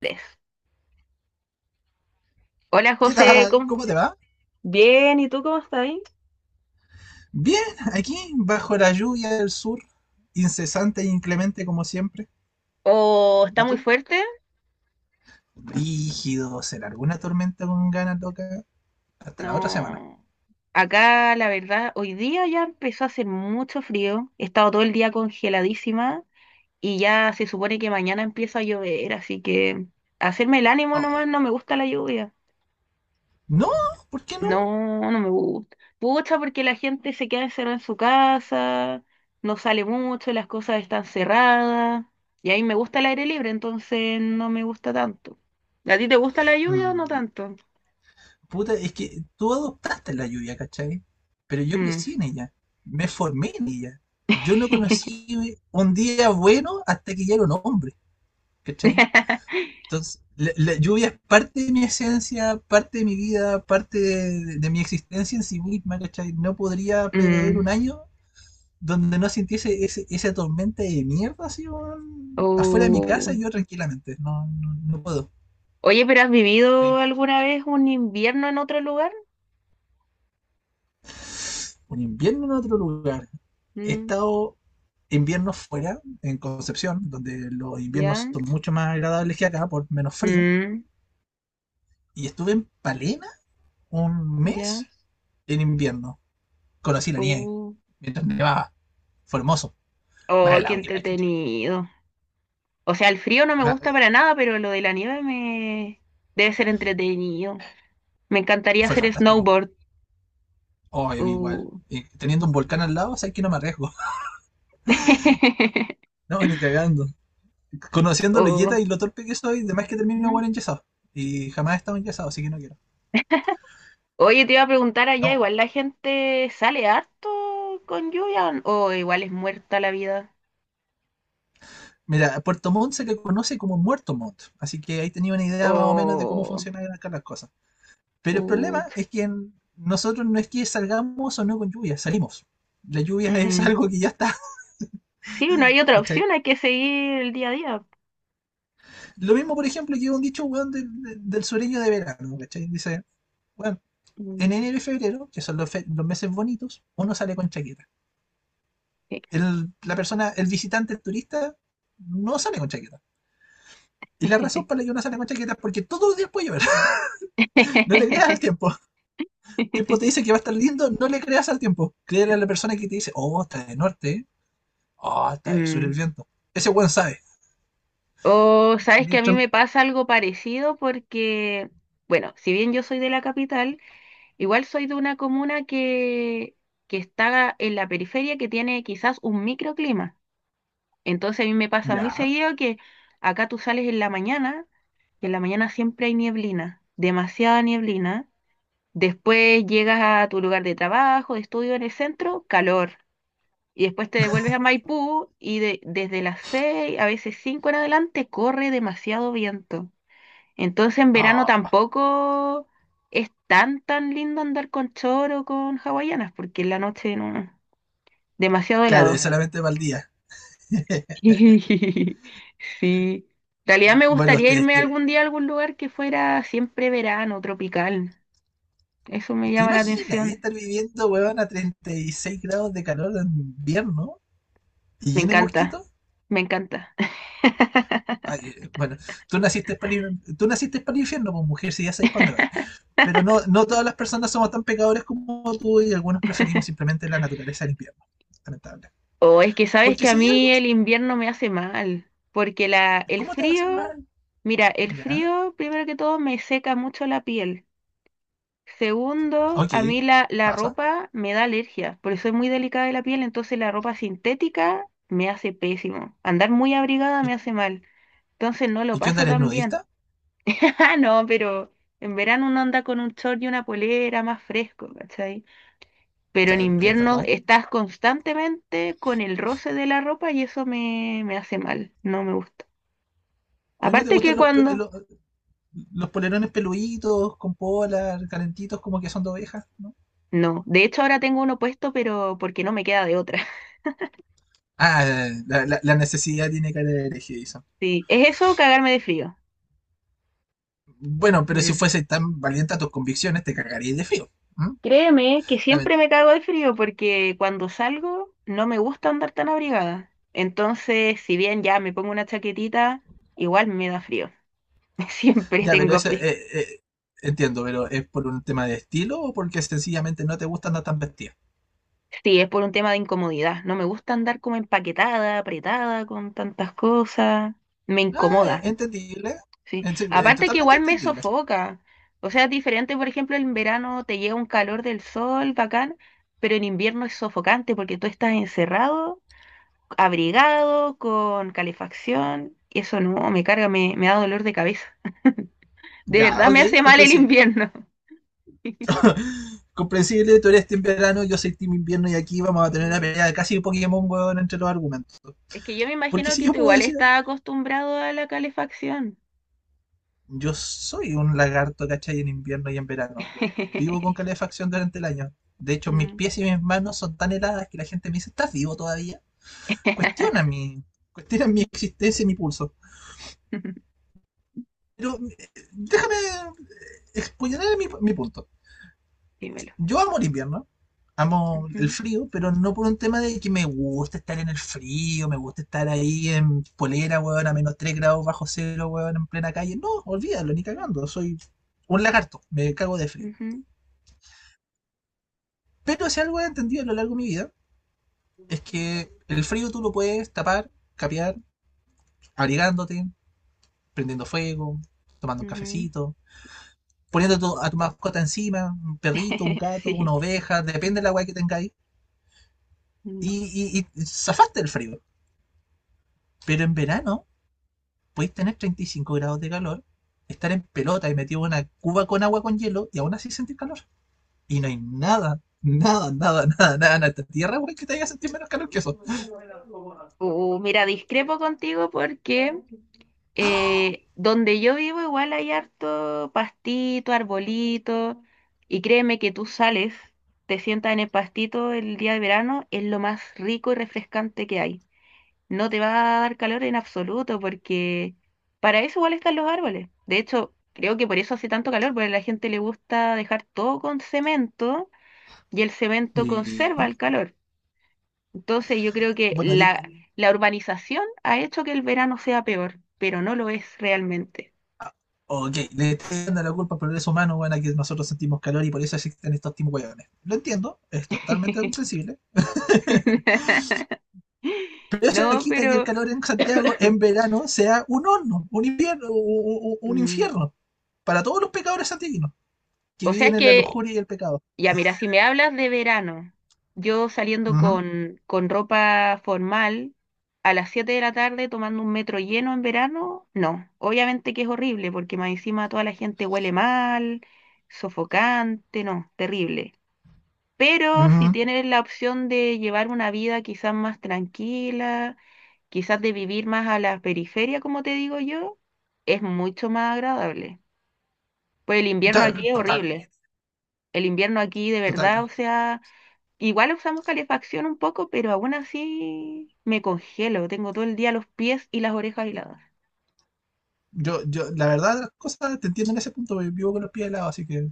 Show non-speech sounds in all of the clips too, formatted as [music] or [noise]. Tres. Hola ¿Qué José, tal? ¿Cómo te va? Bien, ¿y tú cómo estás ahí? Bien, aquí, bajo la lluvia del sur, incesante e inclemente como siempre. ¿O está ¿Y muy tú? fuerte? Rígido, se largó una tormenta con ganas loca hasta la otra semana. No. Acá, la verdad, hoy día ya empezó a hacer mucho frío. He estado todo el día congeladísima y ya se supone que mañana empieza a llover, así que hacerme el ánimo Oh. nomás. No me gusta la lluvia. No, ¿por qué no? No, no me gusta. Pucha, porque la gente se queda encerrada en su casa, no sale mucho, las cosas están cerradas. Y a mí me gusta el aire libre, entonces no me gusta tanto. ¿A ti te gusta la lluvia o no Mm, tanto? puta, es que tú adoptaste la lluvia, ¿cachai? Pero yo Mm. crecí en ella, me formé en ella. Yo no conocí [laughs] un día bueno hasta que ya era un hombre, ¿cachai? Entonces, la lluvia es parte de mi esencia, parte de mi vida, parte de, de mi existencia en sí misma, ¿cachai? No podría prever Mm. un año donde no sintiese esa tormenta de mierda así, weón, afuera de mi casa y Oh. yo tranquilamente. No, no, no puedo. Oye, pero ¿has vivido alguna vez un invierno en otro lugar? Un invierno en otro lugar. He Mm. estado inviernos fuera, en Concepción, donde los inviernos ¿Ya? son mucho más agradables que acá, por menos frío. Mm. Y estuve en Palena un ¿Ya? mes en invierno. Conocí la nieve Oh. mientras nevaba. Fue hermoso. Más Oh, qué helado que la chucha. entretenido. O sea, el frío no me gusta para nada, pero lo de la nieve me debe ser entretenido. Me encantaría Fue hacer fantástico. snowboard. Oh, a mí igual. Uh. Y teniendo un volcán al lado, sabes que no me arriesgo. [laughs] [laughs] No, ni cagando. Conociendo la yeta Oh. y lo torpe que soy, de más que termino igual Ujú. enyesado. Y jamás he estado enyesado, así que no quiero. Oye, te iba a preguntar allá, No. igual la gente sale harto con lluvia o igual es muerta la vida. Mira, Puerto Montt se le conoce como Muerto Montt, así que ahí tenía una idea más o menos de cómo O funcionan acá las cosas. Pero el problema put. es que nosotros no es que salgamos o no con lluvia, salimos. La lluvia es [laughs] Mm. algo que ya está. Sí, no hay otra opción, hay que seguir el día a día. Lo mismo, por ejemplo, que un dicho, weón, del sureño de verano, ¿cachai? Dice, bueno, en Mm. enero y febrero, que son los, los meses bonitos, uno sale con chaqueta. El, la persona, el visitante, el turista, no sale con chaqueta. Y la razón para la que uno sale con chaqueta es porque todos los días puede llover. [laughs] No le creas al [laughs] [laughs] tiempo. El tiempo te dice que va a estar lindo, no le creas al tiempo. Créele a la persona que te dice, oh, está de norte, oh, está de sur el Mm. viento. Ese weón sabe. O sabes que a mí Mientras... me pasa algo parecido porque, bueno, si bien yo soy de la capital, igual soy de una comuna que está en la periferia que tiene quizás un microclima. Entonces a mí me pasa muy Ya. seguido que acá tú sales en la mañana y en la mañana siempre hay nieblina, demasiada nieblina. Después llegas a tu lugar de trabajo, de estudio en el centro, calor. Y después te devuelves a Maipú y desde las 6 a veces 5 en adelante, corre demasiado viento. Entonces en verano Ah, tampoco es tan tan lindo andar con choro o con hawaianas, porque en la noche no, no, demasiado claro, helado. es solamente para el día. [laughs] [laughs] Sí. En realidad me Bueno, gustaría ustedes irme tienen. algún día a algún lugar que fuera siempre verano, tropical. Eso me ¿Te llama la imaginas ahí estar atención. viviendo, weón, a 36 grados de calor en invierno y Me llene de encanta, mosquitos? me encanta. [laughs] Ay, bueno, tú naciste para el, tú naciste para el infierno, pues mujer, si ya sabes para dónde vais. Pero no, no todas las personas somos tan pecadores como tú y algunos preferimos simplemente la naturaleza del invierno. Lamentable. O es que sabes Porque que a si hay algo, mí el invierno me hace mal, porque el ¿cómo te va a hacer frío, mal? mira, el Ya, frío primero que todo me seca mucho la piel. Segundo, ok, a mí la pasa. ropa me da alergia, porque soy muy delicada de la piel, entonces la ropa sintética me hace pésimo. Andar muy abrigada me ¿Y, hace mal, entonces no lo y qué onda paso eres tan bien. nudista? [laughs] Ah, no, pero en verano uno anda con un short y una polera más fresco, ¿cachai? O Pero en sea, es invierno verdad. estás constantemente con el roce de la ropa y eso me hace mal, no me gusta. Pero no te Aparte que gustan los, cuando. Los polerones peluditos, con polar, calentitos, como que son de ovejas, ¿no? No, de hecho ahora tengo uno puesto, pero porque no me queda de otra. Ah, la, la necesidad tiene cara de hereje, dice. [laughs] Sí, es eso, o cagarme de frío. Bueno, pero si fuese tan valiente a tus convicciones, te cargarías de frío. ¿M? Créeme que Lame- siempre me cago de frío porque cuando salgo no me gusta andar tan abrigada. Entonces, si bien ya me pongo una chaquetita, igual me da frío. [laughs] Siempre Ya, pero tengo eso frío. Entiendo, pero ¿es por un tema de estilo o porque sencillamente no te gusta andar tan vestida? Sí, es por un tema de incomodidad. No me gusta andar como empaquetada, apretada con tantas cosas. Me Ah, incomoda, entendible. sí. En serio, Aparte que totalmente igual me entendible. sofoca. O sea, es diferente, por ejemplo, en verano te llega un calor del sol, bacán, pero en invierno es sofocante porque tú estás encerrado abrigado, con calefacción. Y eso no, me carga, me da dolor de cabeza. De Ya, verdad me ok, hace mal el comprensible. invierno. [laughs] [laughs] Comprensible, tú eres team verano, yo soy team invierno y aquí vamos a tener una Sí. pelea de casi Pokémon, huevón, entre los argumentos. Es que yo me Porque imagino si que yo tú puedo igual decir estás acostumbrado a la calefacción. yo soy un lagarto, ¿cachai? En invierno y en verano. Yo vivo con [laughs] calefacción durante el año. De hecho, mis Mm. pies y mis manos son tan heladas que la gente me dice, ¿estás vivo todavía? Cuestiona [laughs] mi, cuestiona mi existencia y mi pulso. Pero déjame exponer mi punto. Dímelo. Yo amo el invierno, amo el Ujú, frío, pero no por un tema de que me gusta estar en el frío, me gusta estar ahí en polera, weón, a menos 3 grados bajo cero, weón, en plena calle. No, olvídalo, ni cagando. Soy un lagarto, me cago de frío. ujú, Pero si algo he entendido a lo largo de mi vida es que el frío tú lo puedes tapar, capear, abrigándote, prendiendo fuego, tomando un ujú. cafecito, poniendo a tu mascota encima, un perrito, un [laughs] gato, una Sí. oveja, depende de la guay que tengáis, Mm. y, y zafaste el frío. Pero en verano podéis tener 35 grados de calor, estar en pelota y metido en una cuba con agua con hielo y aún así sentir calor. Y no hay nada, nada, nada, nada, nada en esta tierra, güey, que te haya sentir menos calor que eso. Mira, discrepo contigo porque donde yo vivo igual hay harto pastito, arbolito, y créeme que tú sales, te sientas en el pastito el día de verano, es lo más rico y refrescante que hay. No te va a dar calor en absoluto porque para eso igual están los árboles. De hecho, creo que por eso hace tanto calor, porque a la gente le gusta dejar todo con cemento y el cemento Y, conserva el calor. Entonces yo creo que bueno, di- la urbanización ha hecho que el verano sea peor, pero no lo es realmente. Ok, le están dando la culpa al progreso humano, bueno, que nosotros sentimos calor y por eso existen estos tipos de hueones. Lo entiendo, es totalmente [laughs] comprensible, pero eso no No, quita que el pero. calor en [coughs] Santiago en verano sea un horno, un invierno, un mm, infierno para todos los pecadores santiaguinos que O sea, viven es en la que, lujuria y el pecado. ya mira, si me hablas de verano, yo saliendo Ujú, con, ropa formal a las 7 de la tarde tomando un metro lleno en verano, no, obviamente que es horrible porque más encima toda la gente huele mal, sofocante, no, terrible. Pero si ujú. tienes la opción de llevar una vida quizás más tranquila, quizás de vivir más a la periferia, como te digo yo, es mucho más agradable. Pues el invierno aquí Ya, es total, horrible. El invierno aquí de total. verdad, o sea, igual usamos calefacción un poco, pero aún así me congelo. Tengo todo el día los pies y las orejas heladas. La verdad, las cosas te entiendo en ese punto, vivo con los pies helados, así que,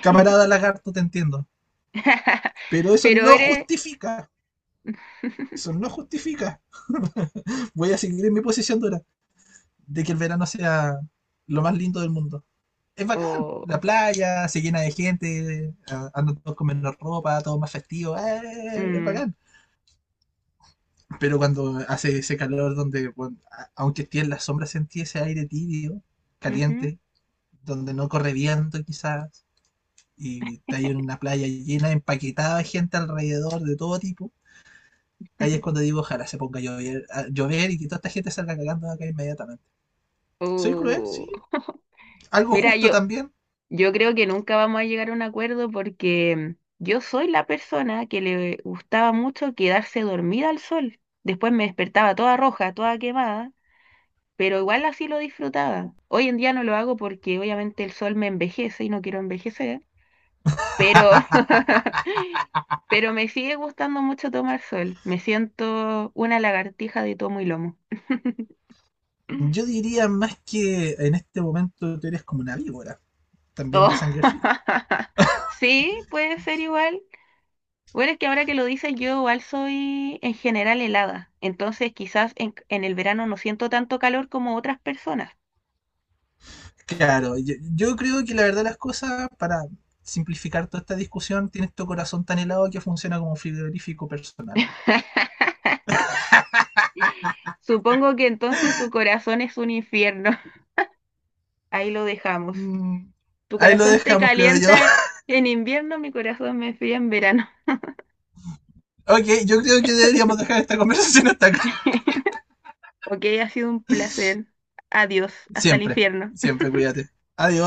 camarada lagarto, te entiendo. [laughs] Pero eso Pero no eres. justifica. Eso no justifica. [laughs] Voy a seguir en mi posición dura de que el verano sea lo más lindo del mundo. Es bacán, la Oh, playa se llena de gente, andan todos con menos ropa, todo más festivo, ¡eh! Es mm, bacán. Pero cuando hace ese calor donde, bueno, aunque esté en la sombra, sentí ese aire tibio, ujú, caliente, donde no corre viento quizás, y está ahí en una playa llena, empaquetada de gente alrededor de todo tipo, ahí es cuando [laughs] digo, ojalá se ponga a llover y que toda esta gente salga cagando de acá inmediatamente. ¿Soy cruel? Oh. Sí. [laughs] ¿Algo Mira, justo yo, también? Yo creo que nunca vamos a llegar a un acuerdo porque yo soy la persona que le gustaba mucho quedarse dormida al sol. Después me despertaba toda roja, toda quemada, pero igual así lo disfrutaba. Hoy en día no lo hago porque obviamente el sol me envejece y no quiero envejecer, pero, [laughs] pero me sigue gustando mucho tomar sol. Me siento una lagartija de tomo y lomo. Yo [clears throat] diría más que en este momento tú eres como una víbora, también Oh, de sangre fría. [laughs] Sí, puede ser igual. Bueno, es que ahora que lo dices, yo igual soy en general helada, entonces quizás en el verano no siento tanto calor como otras personas. Claro, yo creo que la verdad las cosas, para simplificar toda esta discusión, tienes tu corazón tan helado que funciona como un frigorífico personal. [laughs] Supongo que entonces tu corazón es un infierno. [laughs] Ahí lo dejamos. Mm, Tu Ahí lo corazón te dejamos, creo yo. calienta [laughs] en invierno, mi corazón me fría en verano. Ok, yo creo que deberíamos dejar esta conversación hasta acá. [laughs] Ok, ha sido un placer. Adiós, hasta el Siempre, infierno. siempre cuídate. Adiós.